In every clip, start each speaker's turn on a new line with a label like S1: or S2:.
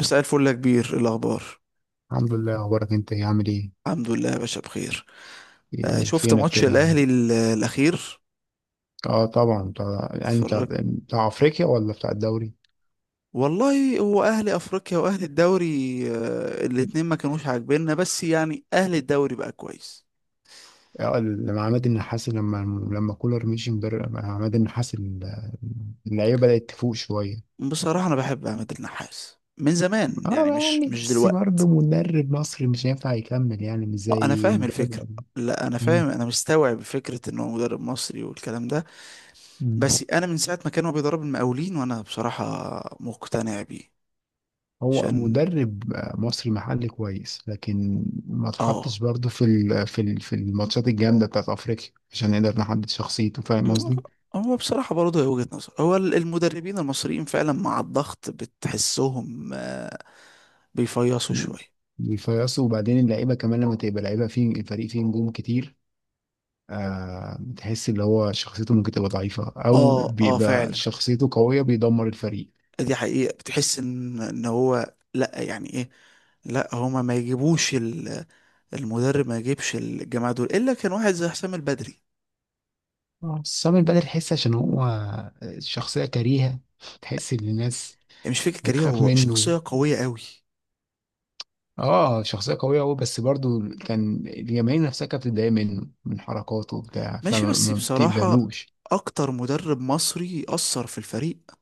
S1: مساء الفل يا كبير، إيه الأخبار؟
S2: الحمد لله. اخبارك انت إيه؟ عامل ايه؟
S1: الحمد لله يا باشا، بخير. شفت
S2: فينك
S1: ماتش
S2: كده؟
S1: الأهلي الأخير؟
S2: اه، طبعا طبعا. يعني بتاع
S1: اتفرجت.
S2: بتاع افريقيا ولا بتاع الدوري؟
S1: والله هو أهلي أفريقيا وأهلي الدوري، الاتنين ما كانوش عاجبيننا، بس يعني أهلي الدوري بقى كويس.
S2: لما عماد النحاس، لما كولر مشي مدرب، لما عماد النحاس اللعيبه بدات تفوق شويه.
S1: بصراحة أنا بحب عماد النحاس من زمان،
S2: اه
S1: يعني مش
S2: يعني،
S1: مش
S2: بس
S1: دلوقتي.
S2: برضه مدرب مصري مش هينفع يكمل، يعني مش
S1: آه، أنا
S2: زي
S1: فاهم
S2: مدرب
S1: الفكرة.
S2: الأجنبي.
S1: لا، أنا
S2: مم.
S1: فاهم، أنا مستوعب فكرة إن هو مدرب مصري والكلام ده.
S2: مم.
S1: بس أنا من ساعة ما كان هو بيدرب المقاولين وأنا بصراحة مقتنع بيه.
S2: هو
S1: عشان
S2: مدرب مصري محلي كويس، لكن ما
S1: آه
S2: اتحطش برضه في الماتشات الجامده بتاعت افريقيا عشان نقدر نحدد شخصيته. فاهم قصدي؟
S1: هو بصراحة برضه، هي وجهة نظر. هو المدربين المصريين فعلا مع الضغط بتحسهم بيفيصوا شوية.
S2: بيفيصوا، وبعدين اللعيبه كمان لما تبقى لعيبه فيه، الفريق فيه نجوم كتير. آه، بتحس اللي هو شخصيته ممكن تبقى ضعيفه، او
S1: اه اه،
S2: بيبقى
S1: فعلا.
S2: شخصيته قويه بيدمر الفريق.
S1: دي حقيقة. بتحس ان هو لا، يعني ايه، لا، هما ما يجيبوش المدرب، ما يجيبش الجماعة دول الا كان واحد زي حسام البدري.
S2: اه، سامي البدر، تحس عشان هو شخصيه كريهه، تحس ان الناس
S1: يعني مش فكرة كارير،
S2: بتخاف
S1: هو
S2: منه.
S1: شخصية قوية قوي.
S2: اه شخصيه قويه قوي، بس برضو كان الجماهير نفسها كانت بتتضايق منه من حركاته وبتاع،
S1: ماشي،
S2: فما
S1: بس
S2: ما
S1: بصراحة
S2: بتقبلوش.
S1: اكتر مدرب مصري اثر في الفريق،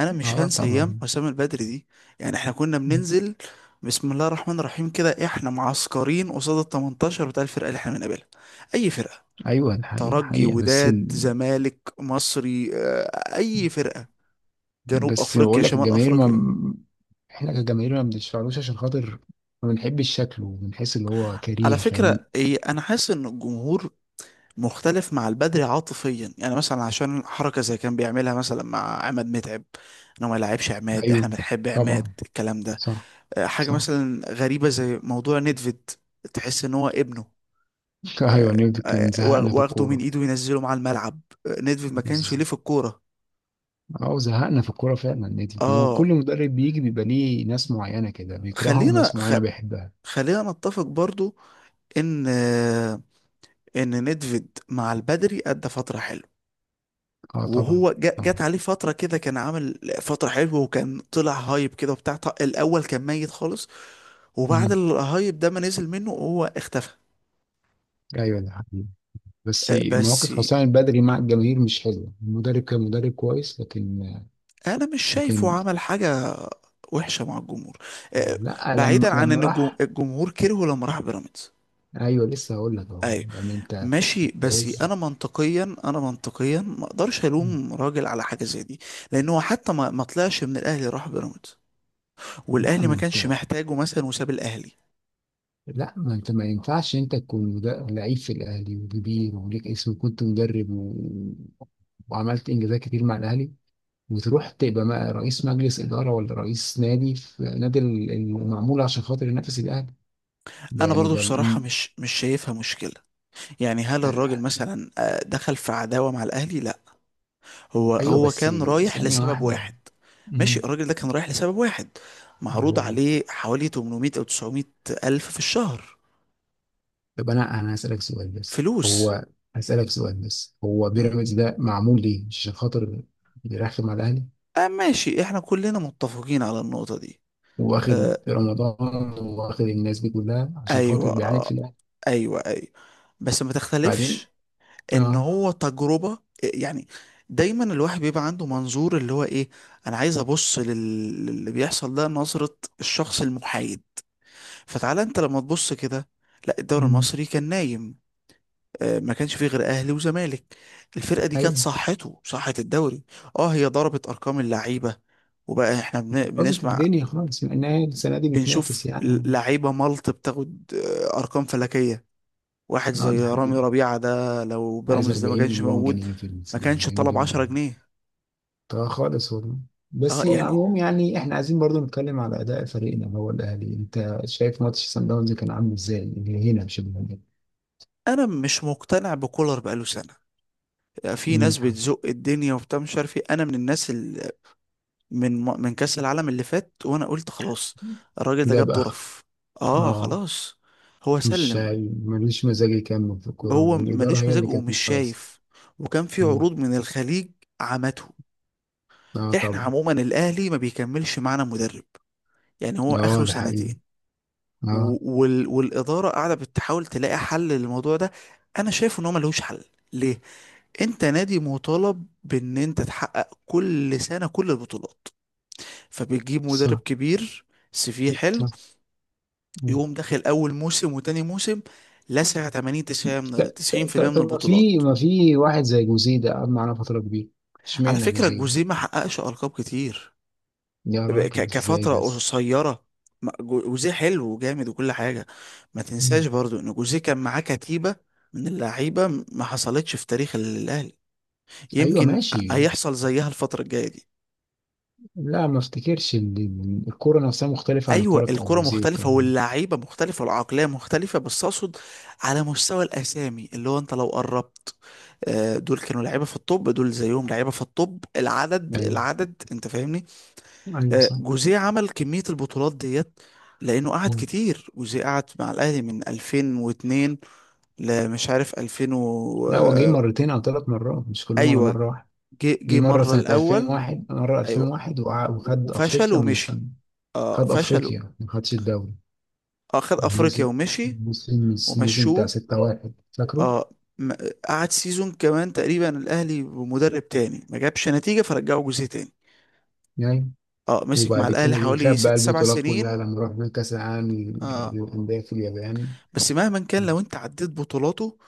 S1: انا مش
S2: اه
S1: هنسى ايام
S2: طبعا.
S1: حسام البدري دي. يعني احنا كنا
S2: مم.
S1: بننزل بسم الله الرحمن الرحيم كده، احنا معسكرين قصاد ال 18 بتاع الفرقه اللي احنا بنقابلها. اي فرقه؟
S2: ايوه الحقيقه
S1: ترجي،
S2: حقيقه، بس
S1: وداد، زمالك، مصري، اي فرقه، جنوب افريقيا،
S2: بقول لك
S1: شمال
S2: الجماهير ما،
S1: افريقيا.
S2: احنا كجماهير ما بنشفعلوش عشان خاطر ما بنحبش شكله، بنحس اللي هو
S1: على
S2: كريه يعني.
S1: فكره إيه، انا حاسس ان الجمهور مختلف مع البدري عاطفيا، يعني مثلا عشان حركه زي كان بيعملها مثلا مع عماد متعب انه ما يلعبش عماد، احنا
S2: ايوه.
S1: بنحب عماد
S2: طبعا.
S1: الكلام ده.
S2: صح.
S1: حاجة
S2: صح.
S1: مثلا غريبة زي موضوع ندفيد، تحس ان هو ابنه،
S2: ايوه، نيوتن كان زهقنا في
S1: واخده من
S2: الكوره.
S1: ايده وينزله مع الملعب. ندفيد ما كانش
S2: بس-
S1: ليه في الكورة.
S2: اه زهقنا في الكوره فعلا. نيوتن، هو
S1: اه،
S2: كل مدرب بيجي بيبقى ليه ناس معينه كده بيكرهها
S1: خلينا
S2: وناس
S1: خ...
S2: معينه بيحبها.
S1: خلينا نتفق برضو ان آه، ان ندفيد مع البدري ادى فترة حلوة.
S2: اه طبعا.
S1: جت
S2: طبعا.
S1: عليه فترة كده كان عامل فترة حلوة، وكان طلع هايب كده وبتاع، الأول كان ميت خالص، وبعد
S2: مم.
S1: الهايب ده ما نزل منه هو اختفى.
S2: ايوه ده حقيقي، بس
S1: بس
S2: مواقف حسام البدري مع الجماهير مش حلوه. المدرب كان مدرب كويس، لكن،
S1: انا مش شايفه
S2: لكن،
S1: عمل حاجه وحشه مع الجمهور. آه،
S2: لا لما
S1: بعيدا عن ان
S2: راح.
S1: الجمهور كرهه لما راح بيراميدز،
S2: ايوه لسه هقول لك اهو،
S1: ايوه
S2: يعني انت
S1: ماشي. بس
S2: عايز.
S1: انا منطقيا، ما اقدرش الوم راجل على حاجه زي دي، لان هو حتى ما طلعش من الاهلي، راح بيراميدز
S2: لا
S1: والاهلي ما
S2: ما
S1: كانش
S2: انت
S1: محتاجه مثلا، وساب الاهلي.
S2: لا ما انت ما ينفعش انت تكون لعيب في الاهلي وكبير وليك اسم، وكنت مدرب، و... وعملت انجازات كتير مع الاهلي، وتروح تبقى رئيس مجلس اداره ولا رئيس نادي في نادي المعمول عشان خاطر ينافس الاهلي. ده
S1: انا
S2: يعني
S1: برضو بصراحه مش شايفها مشكله. يعني هل الراجل
S2: ال-
S1: مثلا دخل في عداوه مع الاهلي؟ لا، هو
S2: ايوه
S1: هو
S2: بس،
S1: كان رايح
S2: ثانيه
S1: لسبب
S2: واحده.
S1: واحد. ماشي،
S2: مم.
S1: الراجل ده كان رايح لسبب واحد، معروض عليه حوالي 800 او 900 الف في الشهر،
S2: طب انا، هسألك سؤال، بس
S1: فلوس.
S2: هو بيراميدز ده معمول ليه؟ عشان خاطر بيرخم على الاهلي،
S1: آه ماشي، احنا كلنا متفقين على النقطة دي.
S2: واخد
S1: آه
S2: رمضان واخد الناس دي كلها عشان خاطر
S1: ايوه،
S2: بيعاند في
S1: آه
S2: الاهلي.
S1: ايوه، ايوه. بس ما تختلفش
S2: بعدين
S1: ان
S2: اه.
S1: هو تجربة. يعني دايما الواحد بيبقى عنده منظور اللي هو ايه، انا عايز ابص للي بيحصل ده نظرة الشخص المحايد. فتعالى انت لما تبص كده، لا الدوري
S2: مم.
S1: المصري كان نايم، ما كانش فيه غير اهلي وزمالك. الفرقه دي كانت
S2: ايوه،
S1: صحه الدوري. اه، هي ضربت ارقام اللعيبه، وبقى احنا
S2: باظت
S1: بنسمع،
S2: الدنيا خالص مع انها السنه دي بتنافس
S1: بنشوف
S2: يعني.
S1: لعيبه ملط بتاخد ارقام فلكيه. واحد
S2: اه ده
S1: زي رامي
S2: حقيقي،
S1: ربيعه ده لو
S2: عايز
S1: بيراميدز ده ما
S2: 40
S1: كانش
S2: مليون
S1: موجود
S2: جنيه في
S1: ما
S2: السنه،
S1: كانش
S2: 40
S1: طلب
S2: مليون
S1: 10
S2: جنيه،
S1: جنيه
S2: طبعا خالص والله.
S1: اه
S2: بس
S1: يعني
S2: عموم، يعني احنا عايزين برضو نتكلم على اداء فريقنا اللي هو الاهلي. انت شايف ماتش سان داونز كان عامل ازاي؟ اللي هنا مش اللي هنا.
S1: انا مش مقتنع بكولر، بقاله سنه. آه، في
S2: مم.
S1: ناس بتزق الدنيا وبتاع مش عارف ايه. انا من الناس من من كأس العالم اللي فات، وانا قلت خلاص الراجل ده
S2: جاب
S1: جاب
S2: اخ.
S1: ظرف. اه
S2: اه
S1: خلاص، هو
S2: مش
S1: سلم.
S2: ملوش مزاج يكمل في الكورة،
S1: هو
S2: والإدارة
S1: ملوش
S2: هي
S1: مزاج
S2: اللي كانت
S1: ومش
S2: مش عايزة.
S1: شايف، وكان في
S2: مم.
S1: عروض من الخليج عمته.
S2: اه
S1: احنا
S2: طبعا.
S1: عموما الاهلي ما بيكملش معانا مدرب، يعني هو اخره
S2: اه ده حقيقي.
S1: سنتين،
S2: اه.
S1: والاداره قاعده بتحاول تلاقي حل للموضوع ده. انا شايف ان هو ملوش حل. ليه؟ انت نادي مطالب بان انت تحقق كل سنه كل البطولات، فبتجيب مدرب
S2: صح.
S1: كبير سي في حلو،
S2: صح. مم.
S1: يقوم داخل اول موسم وتاني موسم لسع 80،
S2: ط-
S1: 90، 90% من
S2: طب ما في،
S1: البطولات.
S2: واحد زي جوزيه ده قعد معانا فترة كبيرة،
S1: على
S2: اشمعنى
S1: فكرة
S2: جوزيه؟
S1: جوزيه ما حققش ألقاب كتير،
S2: يا راجل، ازاي
S1: كفترة
S2: بس؟
S1: قصيرة. جوزيه حلو وجامد وكل حاجة، ما
S2: مم.
S1: تنساش برضو إن جوزيه كان معاه كتيبة من اللعيبة ما حصلتش في تاريخ الأهلي.
S2: ايوه
S1: يمكن
S2: ماشي.
S1: هيحصل زيها الفترة الجاية دي.
S2: لا، ما افتكرش ان إن الكورة نفسها مختلفة عن
S1: ايوه
S2: الكورة بتاعت
S1: الكرة
S2: جوزيه
S1: مختلفة
S2: والكلام ده.
S1: واللعيبة مختلفة والعقلية مختلفة، بس اقصد على مستوى الاسامي، اللي هو انت لو قربت دول كانوا لعيبة في الطب، دول زيهم لعيبة في الطب، العدد
S2: ايوه.
S1: العدد، انت فاهمني.
S2: ايوه. صح.
S1: جوزيه عمل كمية البطولات ديت لانه قعد
S2: مم.
S1: كتير. جوزيه قعد مع الاهلي من 2002 لمش عارف 2000
S2: لا هو جه
S1: آه
S2: مرتين او ثلاث مرات، مش كلهم على
S1: ايوه،
S2: مرة واحدة.
S1: جه
S2: جه
S1: جه
S2: مرة
S1: مرة
S2: سنة
S1: الاول.
S2: 2001، مرة
S1: ايوه،
S2: 2001، وخد
S1: وفشل
S2: أفريقيا من
S1: ومشي،
S2: سنة،
S1: اه
S2: خد
S1: فشل.
S2: أفريقيا ما خدش الدوري.
S1: اه، خد افريقيا
S2: الموسم
S1: ومشي،
S2: الموسم بتاع
S1: ومشوه.
S2: 6-1، فاكره؟
S1: اه، ما- قعد سيزون كمان تقريبا الاهلي بمدرب تاني ما جابش نتيجه، فرجعه جوزيه تاني.
S2: يعني
S1: اه، مسك مع
S2: وبعد كده
S1: الاهلي
S2: جه
S1: حوالي
S2: خد بقى
S1: ست سبع
S2: البطولات كلها
S1: سنين
S2: لما راح بيه كأس العالم
S1: اه،
S2: للأندية في اليابان.
S1: بس مهما كان لو انت عديت بطولاته،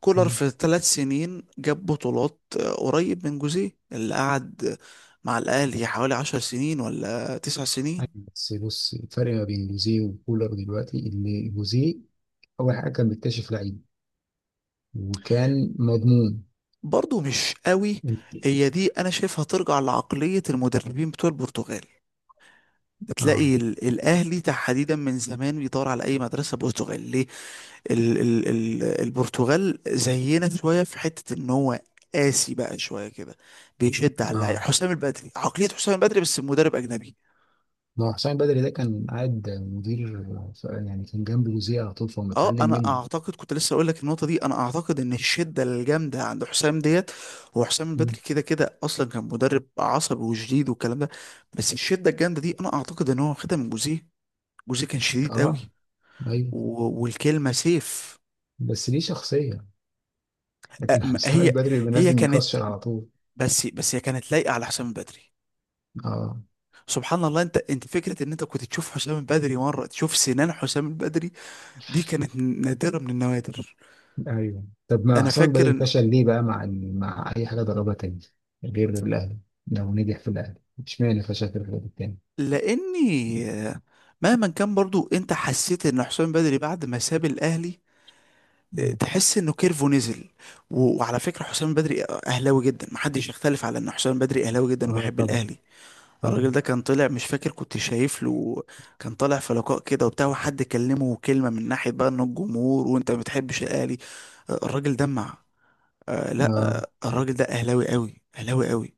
S1: كولر
S2: مم.
S1: في 3 سنين جاب بطولات قريب من جوزيه اللي قعد مع الاهلي حوالي 10 سنين ولا 9 سنين.
S2: بس بص، الفرق ما بين جوزيه وكولر دلوقتي، إن جوزيه أول حاجة كان بيكتشف لعيب، وكان مضمون.
S1: برضه مش قوي.
S2: انت
S1: هي دي انا شايفها ترجع لعقليه المدربين بتوع البرتغال.
S2: اه.
S1: بتلاقي الاهلي تحديدا من زمان بيدور على اي مدرسه برتغاليه. ال البرتغال زينا شويه في حته ان هو قاسي بقى شويه كده، بيشد على اللعيبه.
S2: اه،
S1: حسام البدري، عقليه حسام البدري، بس مدرب اجنبي.
S2: هو حسام بدري ده كان قاعد مدير، يعني كان جنب جوزيه على طول، فهو
S1: اه،
S2: متعلم
S1: انا
S2: مني.
S1: اعتقد كنت لسه اقول لك النقطه دي. انا اعتقد ان الشده الجامده عند حسام ديت، هو حسام البدري
S2: مم.
S1: كده كده اصلا كان مدرب عصبي وشديد والكلام ده، بس الشده الجامده دي انا اعتقد ان هو واخدها من جوزيه. جوزيه كان شديد
S2: اه.
S1: قوي،
S2: ايوه.
S1: والكلمه سيف.
S2: بس ليه شخصية.
S1: أ-
S2: لكن
S1: م-
S2: حسام
S1: هي
S2: البدري
S1: هي
S2: بينزل
S1: كانت
S2: مكشر على طول.
S1: هي كانت لايقه على حسام البدري.
S2: اه.
S1: سبحان الله، انت فكره ان انت كنت تشوف حسام البدري مره، تشوف سنان حسام البدري، دي كانت نادره من النوادر.
S2: ايوه. طب ما
S1: انا
S2: حسام
S1: فاكر
S2: البدري
S1: ان
S2: فشل ليه بقى مع ال... مع اي حاجة دربها تاني غير الاهلي؟ لو نجح في الاهلي، اشمعنى فشل في الفريق التاني؟
S1: لاني آه، مهما كان برضو انت حسيت ان حسام البدري بعد ما ساب الاهلي
S2: مم.
S1: تحس انه كيرفو نزل. وعلى فكره حسام البدري اهلاوي جدا، محدش يختلف على ان حسام البدري اهلاوي جدا
S2: اه
S1: وبيحب
S2: طبعا.
S1: الاهلي. الراجل
S2: طبعا.
S1: ده كان طلع، مش فاكر، كنت شايف له، كان طالع في لقاء كده وبتاع، وحد كلمه كلمه من ناحيه بقى ان الجمهور وانت ما بتحبش الاهلي. آه، الراجل دمع. آه لا،
S2: اه.
S1: الراجل ده اهلاوي قوي، اهلاوي قوي.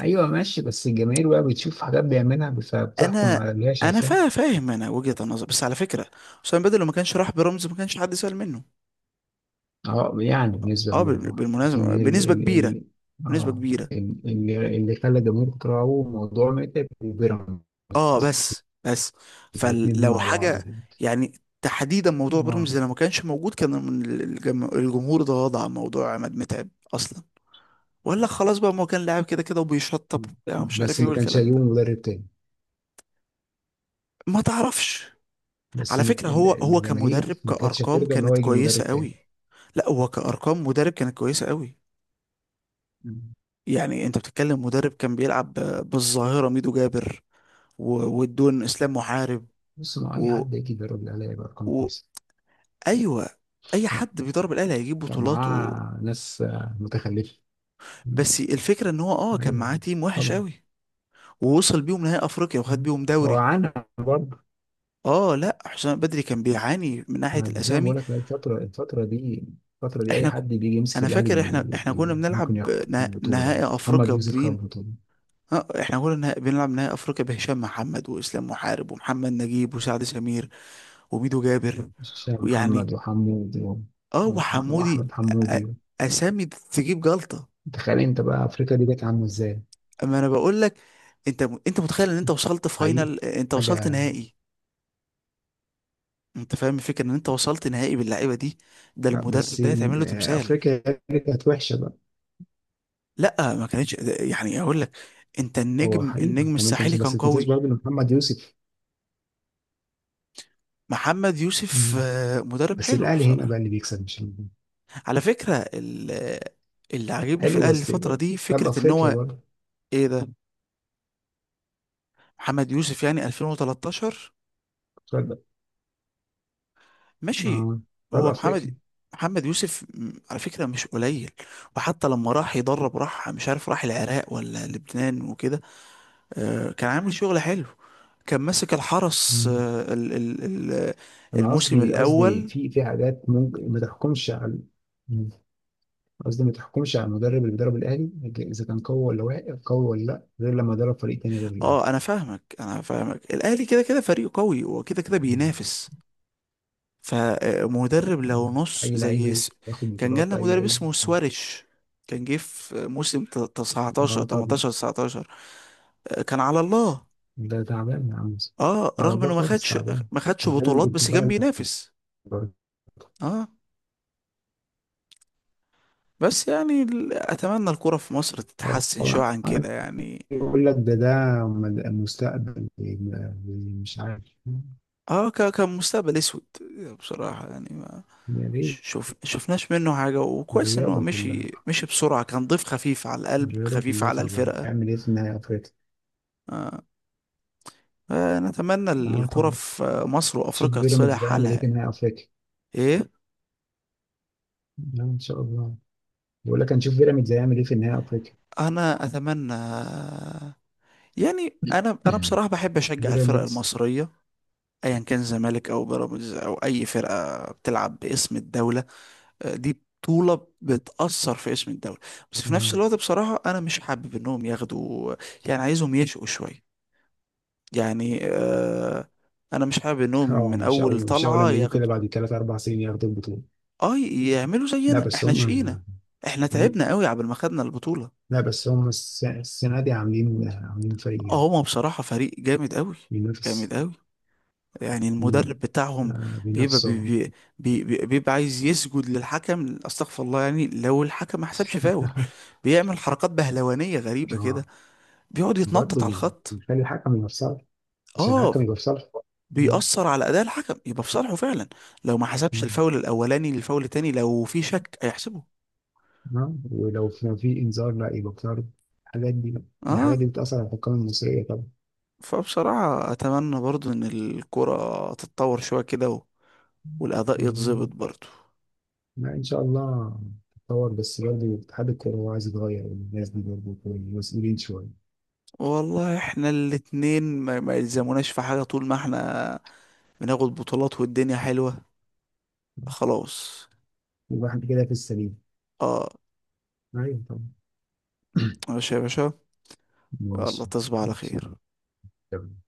S2: ايوه ماشي، بس الجماهير بقى بتشوف حاجات بيعملها فبتحكم
S1: انا
S2: على اللي هي
S1: انا
S2: شايفاها.
S1: فا فاهم، انا وجهة النظر، بس على فكرة حسام بدر لو ما كانش راح برمز ما كانش حد سأل منه.
S2: اه يعني بنسبة
S1: اه
S2: كبيرة طبعا، لكن
S1: بالمناسبة،
S2: هي ال
S1: بنسبة
S2: ال
S1: كبيرة،
S2: ال
S1: بنسبة
S2: اه
S1: كبيرة.
S2: اللي خلى الجمهور يكرهه موضوع متعب وبيراميدز،
S1: اه، بس بس
S2: الاثنين
S1: فلو
S2: مع بعض
S1: حاجة،
S2: كده.
S1: يعني تحديدا موضوع
S2: اه
S1: برمز ده لو ما كانش موجود، كان من الجمهور اتغاضى عن موضوع عماد متعب اصلا، ولا خلاص بقى، ما هو كان لاعب كده كده وبيشطب وبتاع ومش عارف
S2: بس
S1: ايه
S2: ما كانش
S1: والكلام
S2: هيجيبوا
S1: ده.
S2: مدرب تاني.
S1: ما تعرفش.
S2: بس
S1: على فكرة هو كمدرب
S2: الجماهير ما كانتش
S1: كأرقام
S2: هترضى ان هو
S1: كانت
S2: يجي
S1: كويسة
S2: مدرب تاني.
S1: قوي، لا هو كأرقام مدرب كانت كويسة قوي.
S2: مم.
S1: يعني انت بتتكلم مدرب كان بيلعب بالظاهرة ميدو جابر، والدون اسلام محارب،
S2: بص، مع اي
S1: و...
S2: حد يجي يدرب الاهلي هيبقى ارقام
S1: و...
S2: كويسه.
S1: ايوه، اي حد بيضرب الاهلي هيجيب
S2: كان
S1: بطولات و...
S2: معاه ناس متخلفه. مم.
S1: بس الفكرة ان هو كان
S2: ايوه
S1: معاه تيم وحش
S2: طبعا.
S1: قوي، ووصل بيهم نهائي افريقيا وخد
S2: مم.
S1: بيهم
S2: هو
S1: دوري.
S2: عانى برضه.
S1: اه لا، حسام بدري كان بيعاني من ناحية
S2: زي ما
S1: الاسامي.
S2: بقول لك بقى، الفترة دي أي
S1: احنا ك...
S2: حد بيجي يمسك
S1: انا
S2: الأهلي
S1: فاكر
S2: بي
S1: احنا كنا
S2: بي ممكن
S1: بنلعب
S2: ياخد بطولة.
S1: نهائي
S2: محمد
S1: افريقيا
S2: يوسف خد
S1: بمين؟
S2: بطولة.
S1: اه احنا قلنا بنلعب نهائي افريقيا بهشام محمد واسلام محارب ومحمد نجيب وسعد سمير وميدو جابر
S2: هشام محمد
S1: ويعني،
S2: وحمودي و-
S1: اه، وحمودي.
S2: وأحمد
S1: أ- أ-
S2: حمودي.
S1: اسامي تجيب جلطة.
S2: تخيل أنت بقى أفريقيا دي جت عاملة إزاي.
S1: اما انا بقول لك انت، انت متخيل ان انت وصلت
S2: حقيقي.
S1: فاينل، انت وصلت
S2: حاجة،
S1: نهائي؟ انت فاهم الفكره ان انت وصلت نهائي باللعيبه دي، ده المدرب
S2: بس
S1: ده يتعمل له تمثال.
S2: أفريقيا دي كانت وحشة بقى.
S1: لا ما كانتش يعني اقول لك، انت
S2: هو
S1: النجم،
S2: حقيقي، يعني أنت مش
S1: الساحلي كان
S2: بس ما تنساش
S1: قوي.
S2: برضه إن محمد يوسف.
S1: محمد يوسف
S2: مم.
S1: مدرب
S2: بس
S1: حلو
S2: الأهلي هنا بقى
S1: بصراحه.
S2: اللي بيكسب، مش الهجوم.
S1: على فكرة اللي عاجبني في
S2: حلو،
S1: الأهلي
S2: بس
S1: الفترة دي
S2: خد
S1: فكرة إن
S2: أفريقيا
S1: هو،
S2: برضه.
S1: إيه ده، محمد يوسف يعني 2013،
S2: خد.
S1: ماشي.
S2: آه. خد
S1: هو محمد
S2: أفريقيا.
S1: محمد يوسف، على فكرة مش قليل. وحتى لما راح يدرب راح مش عارف راح العراق ولا لبنان وكده، آه، كان عامل شغل حلو، كان ماسك الحرس ال-
S2: انا
S1: الموسم
S2: قصدي،
S1: الأول.
S2: في حاجات ممكن ما تحكمش على، مم، قصدي ما تحكمش على المدرب اللي بيدرب الاهلي اذا كان قوي ولا واقع، قوي ولا لا، غير لما يدرب فريق تاني غير الاهلي.
S1: اه انا فاهمك، انا فاهمك الاهلي كده كده فريق قوي وكده كده
S2: مم.
S1: بينافس، فمدرب لو
S2: مم.
S1: نص
S2: اي لعيب
S1: زي
S2: ياخد
S1: كان
S2: بطولات،
S1: جالنا
S2: اي
S1: مدرب
S2: لعيب.
S1: اسمه
S2: مم.
S1: سواريش، كان جه في موسم ت- 19
S2: اه طبعا.
S1: 18 19، كان على الله.
S2: ده تعبان يا عم.
S1: اه،
S2: على
S1: رغم
S2: الله
S1: انه
S2: خالص، تعبان.
S1: ما خدش
S2: جامد
S1: بطولات بس كان
S2: بالتفاعل.
S1: بينافس. اه بس يعني اتمنى الكرة في مصر
S2: هو
S1: تتحسن شوية
S2: هو
S1: عن
S2: عارف،
S1: كده يعني.
S2: يقول لك ده ده المستقبل. مش عارف.
S1: اه كان مستقبل اسود بصراحة. يعني ما،
S2: يعني ليه؟
S1: شوف شفناش منه حاجة، وكويس ان هو
S2: الرياضة كلها،
S1: مشي مشي بسرعة، كان ضيف خفيف على القلب، خفيف على
S2: تعبانة.
S1: الفرقة.
S2: تعمل ايه في نهاية أفريقيا.
S1: آه. أنا أتمنى
S2: اه
S1: الكرة
S2: طب
S1: في مصر
S2: نشوف
S1: وأفريقيا
S2: بيراميدز
S1: تصلح
S2: ده هيعمل ايه في
S1: حالها.
S2: نهائي افريقيا.
S1: إيه؟
S2: لا ان شاء الله، بقول لك هنشوف بيراميدز هيعمل ايه في نهائي افريقيا.
S1: أنا أتمنى، يعني أنا، بصراحة بحب أشجع الفرق
S2: بيراميدز.
S1: المصرية أيا كان زمالك أو بيراميدز أو أي فرقة بتلعب باسم الدولة. آه، دي بطولة بتأثر في اسم الدولة، بس في نفس
S2: مم.
S1: الوقت بصراحة أنا مش حابب إنهم ياخدوا، يعني عايزهم يشقوا شوية، يعني آه، أنا مش حابب إنهم
S2: اه
S1: من
S2: مش
S1: أول
S2: اول،
S1: طلعة
S2: لما يجوا كده
S1: ياخدوا.
S2: بعد ثلاث اربع سنين ياخدوا البطوله.
S1: اه يعملوا
S2: لا
S1: زينا،
S2: بس
S1: احنا
S2: هم.
S1: شقينا، احنا تعبنا قوي عبال ما خدنا البطولة.
S2: لا بس هم السنه دي عاملين، عاملين فريق
S1: اه
S2: جامد
S1: هما بصراحة فريق جامد قوي،
S2: بينافس.
S1: جامد قوي. يعني
S2: مم.
S1: المدرب بتاعهم
S2: آه
S1: بيبقى بي
S2: بينافسوا.
S1: بي بي بي- بيبقى عايز يسجد للحكم، استغفر الله، يعني لو الحكم ما حسبش فاول بيعمل حركات بهلوانية غريبة كده،
S2: اه
S1: بيقعد
S2: برضه
S1: يتنطط على الخط.
S2: بيخلي الحكم يبقى في صالح، عشان
S1: اه
S2: الحكم يبقى في صالح.
S1: بيأثر على أداء الحكم يبقى في صالحه فعلا، لو ما حسبش الفاول الأولاني للفاول التاني لو في شك هيحسبه.
S2: ها، ولو كان في انذار لا يبقى بتعرض. الحاجات دي،
S1: اه،
S2: بتأثر على الحكام المصرية طبعا.
S1: فبصراحة أتمنى برضو إن الكرة تتطور شوية كده، والأداء
S2: يا
S1: يتظبط
S2: رب.
S1: برضو.
S2: لا إن شاء الله تتطور، بس برضه اتحاد الكورة هو عايز يتغير، الناس دي برضه مسؤولين شوية.
S1: والله احنا الاتنين ما يلزموناش في حاجة طول ما احنا بناخد بطولات والدنيا حلوة، خلاص.
S2: يبقى حد كده في السليم.
S1: اه
S2: أيوة طبعا.
S1: ماشي يا باشا، يلا
S2: ماشي.
S1: تصبح على
S2: ماشي.
S1: خير.
S2: تمام.